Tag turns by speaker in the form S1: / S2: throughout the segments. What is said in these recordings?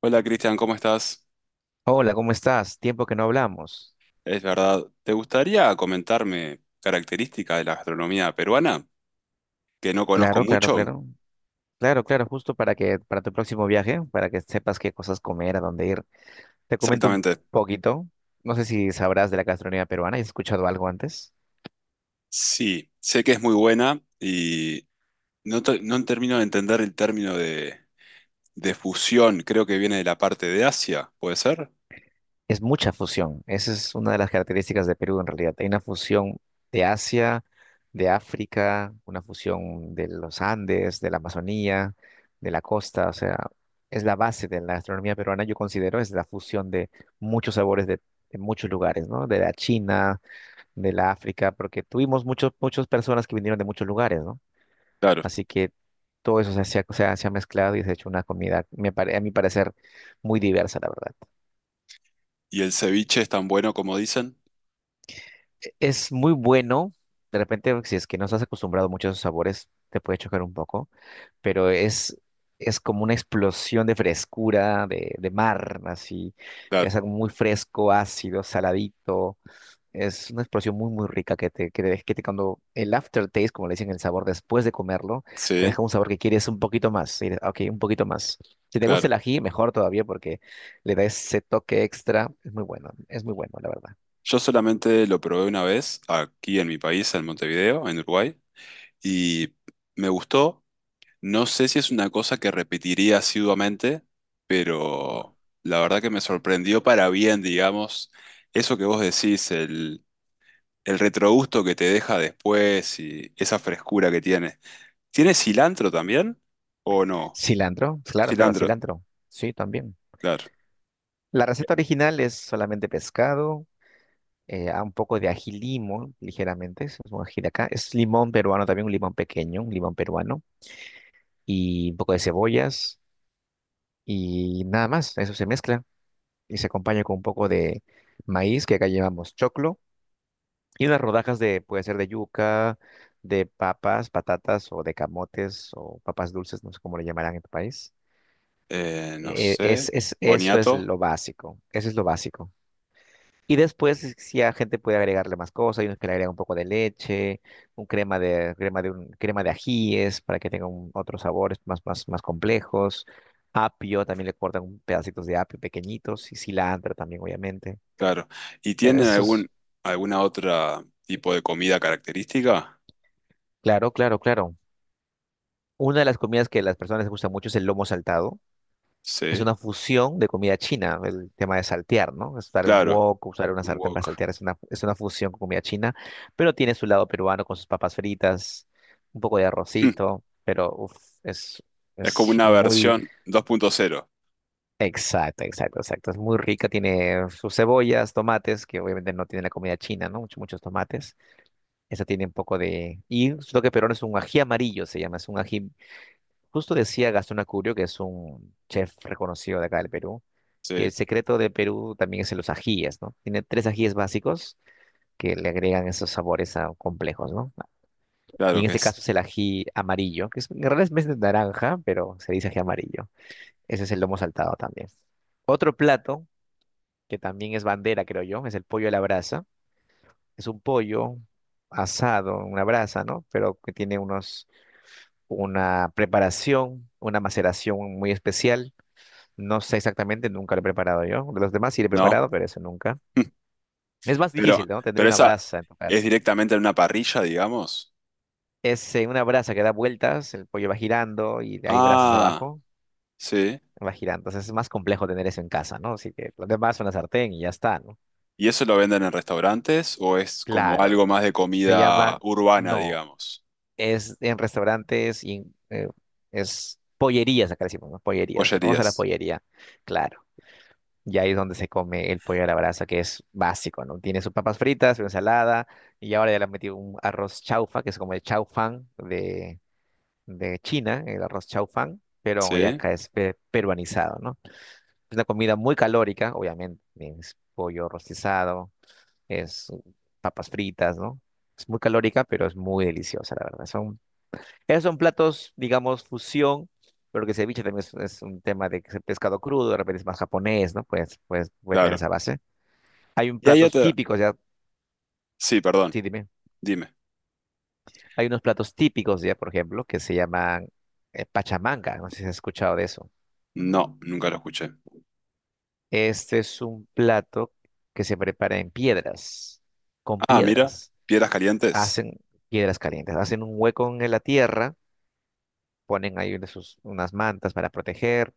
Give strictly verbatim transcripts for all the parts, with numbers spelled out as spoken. S1: Hola Cristian, ¿cómo estás?
S2: Hola, ¿cómo estás? Tiempo que no hablamos.
S1: Es verdad, ¿te gustaría comentarme características de la gastronomía peruana que no conozco
S2: Claro, claro,
S1: mucho?
S2: claro. Claro, claro, justo para que para tu próximo viaje, para que sepas qué cosas comer, a dónde ir. Te comento un
S1: Exactamente.
S2: poquito. No sé si sabrás de la gastronomía peruana. ¿Has escuchado algo antes?
S1: Sí, sé que es muy buena y no, te- no termino de entender el término de, de fusión, creo que viene de la parte de Asia, ¿puede ser?
S2: Es mucha fusión. Esa es una de las características de Perú en realidad. Hay una fusión de Asia, de África, una fusión de los Andes, de la Amazonía, de la costa. O sea, es la base de la gastronomía peruana, yo considero, es la fusión de muchos sabores de, de muchos lugares, ¿no? De la China, de la África, porque tuvimos muchos, muchas personas que vinieron de muchos lugares, ¿no?
S1: Claro.
S2: Así que todo eso se, ha- se ha se ha mezclado y se ha hecho una comida, me pare- a mi parecer, muy diversa, la verdad.
S1: ¿Y el ceviche es tan bueno como dicen?
S2: Es muy bueno. De repente, si es que no estás acostumbrado mucho a esos sabores, te puede chocar un poco, pero es, es como una explosión de frescura, de, de mar, así.
S1: Claro.
S2: Es algo muy fresco, ácido, saladito. Es una explosión muy, muy rica que te, que te, deja- que te cuando el aftertaste, como le dicen, el sabor después de comerlo, te
S1: Sí,
S2: deja un sabor que quieres un poquito más. y de- Ok, un poquito más. Si te gusta
S1: claro.
S2: el ají, mejor todavía porque le da ese toque extra. Es muy bueno, es muy bueno, la verdad.
S1: Yo solamente lo probé una vez aquí en mi país, en Montevideo, en Uruguay, y me gustó. No sé si es una cosa que repetiría asiduamente, pero la verdad que me sorprendió para bien, digamos, eso que vos decís, el, el retrogusto que te deja después y esa frescura que tiene. ¿Tiene cilantro también? ¿O no?
S2: Cilantro, claro, claro,
S1: Cilantro,
S2: cilantro. Sí, también.
S1: claro.
S2: La receta original es solamente pescado, eh, a un poco de ají limo, ligeramente, es un ají de acá. Es limón peruano también, un limón pequeño, un limón peruano, y un poco de cebollas, y nada más. Eso se mezcla y se acompaña con un poco de maíz, que acá llevamos choclo, y unas rodajas de, puede ser de yuca, de papas, patatas, o de camotes, o papas dulces, no sé cómo le llamarán en tu país.
S1: Eh, no
S2: Eh, es,
S1: sé.
S2: es, eso es
S1: Boniato,
S2: lo básico, eso es lo básico. Y después, si si a gente puede agregarle más cosas, hay unos que le agregan un poco de leche, un crema de, crema de un, crema de ajíes para que tenga un- otros sabores más, más, más complejos. Apio, también le cortan un- pedacitos de apio pequeñitos y cilantro también, obviamente.
S1: claro. ¿Y
S2: E-
S1: tienen
S2: Eso es,
S1: algún, alguna otra tipo de comida característica?
S2: claro, claro, claro. Una de las comidas que a las personas les gusta mucho es el lomo saltado. Es
S1: Sí,
S2: una fusión de comida china, el tema de saltear, ¿no? Usar un
S1: claro.
S2: wok, usar una
S1: Un
S2: sartén para
S1: wok.
S2: saltear, es una, es una fusión con comida china, pero tiene su lado peruano con sus papas fritas, un poco de arrocito, pero uf, es,
S1: Es como
S2: es
S1: una
S2: muy...
S1: versión dos punto cero.
S2: Exacto, exacto, exacto. Es muy rica, tiene sus cebollas, tomates, que obviamente no tiene la comida china, ¿no? Muchos, muchos tomates. Esa tiene un poco de... Y lo que peruano es un ají amarillo, se llama, es un ají Justo decía Gastón Acurio, que es un chef reconocido de acá del Perú, que
S1: ¿Sí?
S2: el secreto de Perú también es en los ajíes, ¿no? Tiene tres ajíes básicos que le agregan esos sabores ah, complejos, ¿no? Y
S1: Claro
S2: en
S1: que
S2: este
S1: es,
S2: caso es el ají amarillo, que es, en realidad es más de naranja, pero se dice ají amarillo. Ese es el lomo saltado también. Otro plato, que también es bandera, creo yo, es el pollo a la brasa. Es un pollo asado, en una brasa, ¿no? Pero que tiene unos, una preparación, una maceración muy especial. No sé exactamente, nunca lo he preparado yo. Los demás sí lo he
S1: ¿no?
S2: preparado, pero eso nunca. Es más
S1: Pero,
S2: difícil, ¿no? Tener
S1: pero
S2: una
S1: esa
S2: brasa en tu
S1: es
S2: casa.
S1: directamente en una parrilla, digamos.
S2: Es eh, una brasa que da vueltas, el pollo va girando y hay brasas
S1: Ah,
S2: abajo,
S1: sí.
S2: va girando. Entonces es más complejo tener eso en casa, ¿no? Así que los demás son la sartén y ya está, ¿no?
S1: ¿Y eso lo venden en restaurantes o es como algo
S2: Claro,
S1: más de
S2: se
S1: comida
S2: llama,
S1: urbana,
S2: no,
S1: digamos?
S2: es en restaurantes y en, eh, es pollerías, acá decimos, ¿no? Pollerías. Vamos a la
S1: Pollerías.
S2: pollería, claro. Y ahí es donde se come el pollo a la brasa, que es básico, ¿no? Tiene sus papas fritas, su ensalada, y ahora ya le han metido un arroz chaufa, que es como el chaufán de, de China, el arroz chaufán, pero ya
S1: Sí,
S2: acá es pe- peruanizado, ¿no? Es una comida muy calórica, obviamente, es pollo rostizado, es papas fritas, ¿no? Es muy calórica, pero es muy deliciosa, la verdad. Son, esos son platos, digamos, fusión. Pero que ceviche también es, es un tema de que es pescado crudo, de repente es más japonés, ¿no? Pues, pues puede tener
S1: claro.
S2: esa base. Hay un
S1: Y hay
S2: platos
S1: otra.
S2: típicos ya,
S1: Sí, perdón,
S2: sí, dime.
S1: dime.
S2: Hay unos platos típicos ya, por ejemplo, que se llaman eh, pachamanga. No sé si has escuchado de eso.
S1: No, nunca lo escuché.
S2: Este es un plato que se prepara en piedras, con
S1: Ah, mira,
S2: piedras.
S1: piedras calientes.
S2: Hacen piedras calientes, hacen un hueco en la tierra, ponen ahí unas, sus- unas mantas para proteger,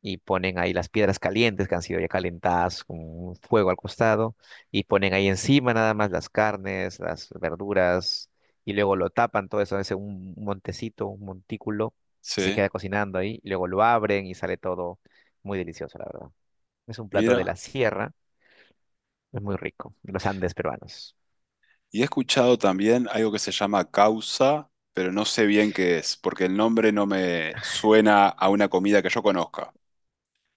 S2: y ponen ahí las piedras calientes que han sido ya calentadas con un fuego al costado y ponen ahí encima nada más las carnes, las verduras y luego lo tapan todo eso, es un montecito, un montículo y se
S1: Sí,
S2: queda cocinando ahí y luego lo abren y sale todo muy delicioso, la verdad. Es un plato de
S1: mira.
S2: la sierra, es muy rico, de los Andes peruanos.
S1: Y he escuchado también algo que se llama causa, pero no sé bien qué es, porque el nombre no me suena a una comida que yo conozca.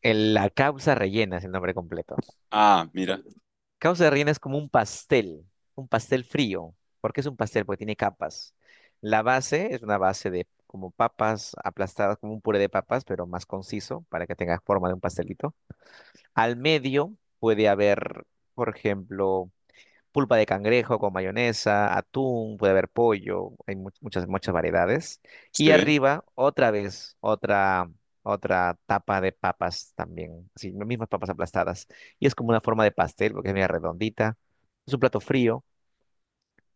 S2: El- la causa rellena es el nombre completo.
S1: Ah, mira,
S2: Causa de reina es como un pastel, un pastel frío. ¿Por qué es un pastel? Porque tiene capas. La base es una base de como papas aplastadas, como un puré de papas, pero más conciso para que tenga forma de un pastelito. Al medio puede haber, por ejemplo, pulpa de cangrejo con mayonesa, atún, puede haber pollo, hay mu- muchas, muchas variedades. Y
S1: sí,
S2: arriba, otra vez, otra, otra tapa de papas también, así, las mismas papas aplastadas. Y es como una forma de pastel, porque es media redondita. Es un plato frío,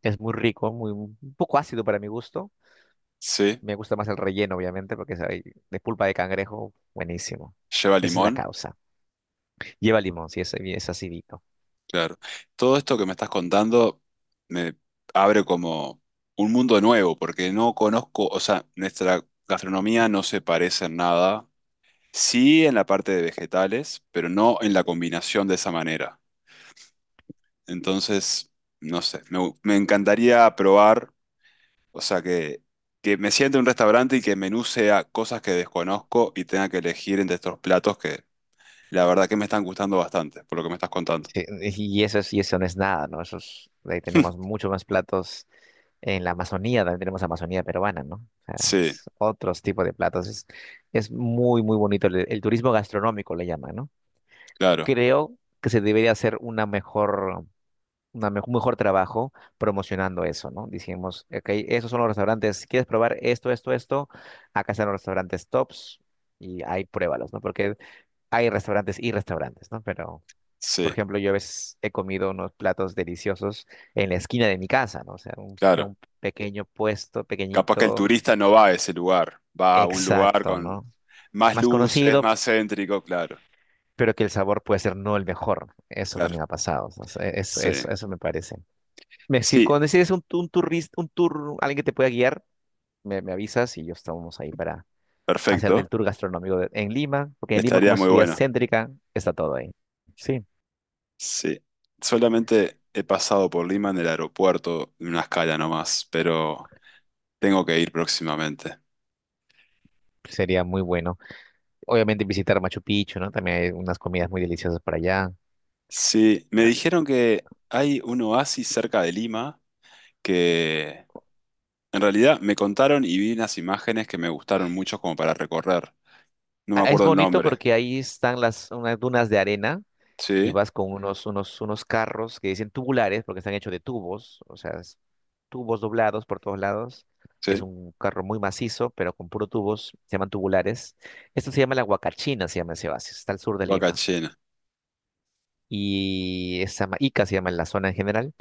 S2: es muy rico, muy, un poco ácido para mi gusto.
S1: sí,
S2: Me gusta más el relleno, obviamente, porque es ahí de pulpa de cangrejo, buenísimo.
S1: lleva
S2: Esa es la
S1: limón,
S2: causa. Lleva limón, si es, es acidito.
S1: claro. Todo esto que me estás contando me abre como un mundo nuevo, porque no conozco, o sea, nuestra gastronomía no se parece en nada, sí en la parte de vegetales, pero no en la combinación de esa manera. Entonces, no sé, me, me encantaría probar, o sea, que, que me siente en un restaurante y que el menú sea cosas que desconozco y tenga que elegir entre estos platos. La verdad que me están gustando bastante, por lo que me estás contando.
S2: Sí, y eso es, y eso no es nada, ¿no? Eso es- de ahí tenemos muchos más platos en la Amazonía, también tenemos Amazonía peruana, ¿no? O sea,
S1: Sí,
S2: es otros tipos de platos. Es, es muy, muy bonito. El, el turismo gastronómico le llaman, ¿no?
S1: claro,
S2: Creo que se debería hacer una mejor, una me- un mejor trabajo promocionando eso, ¿no? Dijimos, ok, esos son los restaurantes. Si quieres probar esto, esto, esto, acá están los restaurantes tops y ahí pruébalos, ¿no? Porque hay restaurantes y restaurantes, ¿no? Pero por
S1: sí,
S2: ejemplo, yo a veces he comido unos platos deliciosos en la esquina de mi casa, ¿no? O sea, un, en
S1: claro.
S2: un pequeño puesto,
S1: Capaz que el
S2: pequeñito,
S1: turista no va a ese lugar, va a un lugar
S2: exacto,
S1: con
S2: ¿no?
S1: más
S2: Más
S1: luces,
S2: conocido,
S1: más céntrico, claro,
S2: pero que el sabor puede ser no el mejor. Eso
S1: claro.
S2: también ha pasado. O sea, eso,
S1: Sí,
S2: eso, eso me parece. Me- si
S1: sí,
S2: cuando decides un, tu- un turista, un tour, alguien que te pueda guiar, me, me avisas y yo estamos ahí para hacerte el
S1: perfecto.
S2: tour gastronómico de- en Lima, porque en Lima, como
S1: Estaría
S2: es
S1: muy
S2: ciudad
S1: bueno.
S2: céntrica, está todo ahí. Sí,
S1: Sí. Solamente he pasado por Lima en el aeropuerto, en una escala nomás, pero tengo que ir próximamente.
S2: sería muy bueno. Obviamente visitar Machu Picchu, ¿no? También hay unas comidas muy deliciosas para allá.
S1: Sí, me dijeron que hay un oasis cerca de Lima que, en realidad me contaron y vi unas imágenes que me gustaron mucho como para recorrer. No me
S2: Ah, es
S1: acuerdo el
S2: bonito
S1: nombre.
S2: porque ahí están las unas dunas de arena y
S1: Sí,
S2: vas con unos, unos, unos carros que dicen tubulares porque están hechos de tubos, o sea, es tubos doblados por todos lados. Es
S1: sí,
S2: un carro muy macizo, pero con puro tubos, se llaman tubulares. Esto se llama la Huacachina, se llama ese oasis, está al sur de Lima.
S1: Huacachina.
S2: Y esa Ica se llama en la zona en general.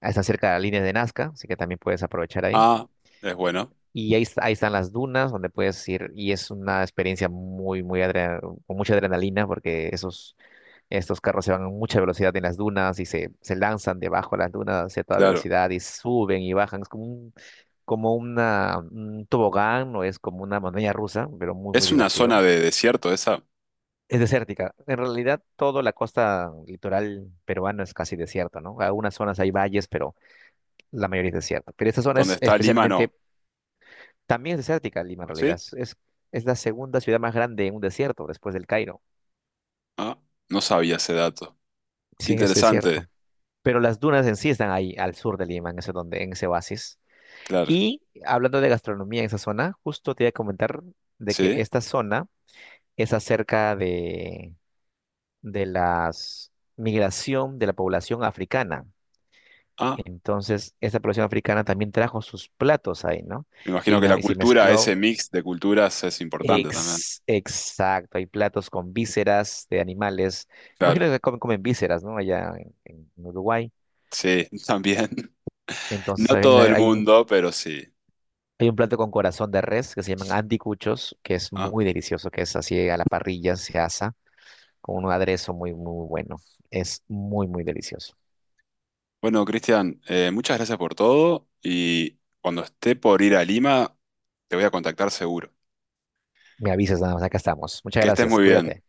S2: Ah, está cerca de la línea de Nazca, así que también puedes aprovechar ahí.
S1: Ah, es bueno,
S2: Y ahí, est- ahí están las dunas donde puedes ir y es una experiencia muy, muy adre- con mucha adrenalina porque esos, estos carros se van a mucha velocidad en las dunas y se, se lanzan debajo de las dunas a toda
S1: claro.
S2: velocidad y suben y bajan. Es como un, como una, un tobogán o es como una montaña rusa, pero muy, muy
S1: Es una
S2: divertido.
S1: zona de desierto esa,
S2: Es desértica. En realidad, toda la costa litoral peruana es casi desierta, ¿no? Algunas zonas hay valles, pero la mayoría es desierta. Pero esta zona
S1: donde
S2: es
S1: está Lima,
S2: especialmente.
S1: no.
S2: También es desértica Lima en
S1: ¿Sí?
S2: realidad. Es, es la segunda ciudad más grande en un desierto después del Cairo.
S1: Ah, no sabía ese dato. Qué
S2: Sí, es
S1: interesante,
S2: desierto. Pero las dunas en sí están ahí al sur de Lima, en ese, donde, en ese oasis.
S1: claro.
S2: Y hablando de gastronomía en esa zona, justo te iba a comentar de que
S1: ¿Sí?
S2: esta zona es acerca de, de la migración de la población africana.
S1: Ah,
S2: Entonces, esta población africana también trajo sus platos ahí, ¿no?
S1: me imagino
S2: Y,
S1: que
S2: no-
S1: la
S2: y se
S1: cultura,
S2: mezcló.
S1: ese mix de culturas es importante también.
S2: Ex- exacto, hay platos con vísceras de animales.
S1: Claro,
S2: Imagino que comen, comen vísceras, ¿no? Allá en, en Uruguay.
S1: sí, también.
S2: Entonces
S1: No
S2: hay,
S1: todo
S2: una-
S1: el
S2: hay un,
S1: mundo, pero sí.
S2: hay un plato con corazón de res que se llaman anticuchos, que es
S1: Ah.
S2: muy delicioso, que es así a la parrilla, se asa con un aderezo muy, muy bueno. Es muy, muy delicioso.
S1: Bueno, Cristian, eh, muchas gracias por todo y cuando esté por ir a Lima, te voy a contactar seguro.
S2: Me avisas nada más, acá estamos. Muchas
S1: Que estés
S2: gracias,
S1: muy bien.
S2: cuídate.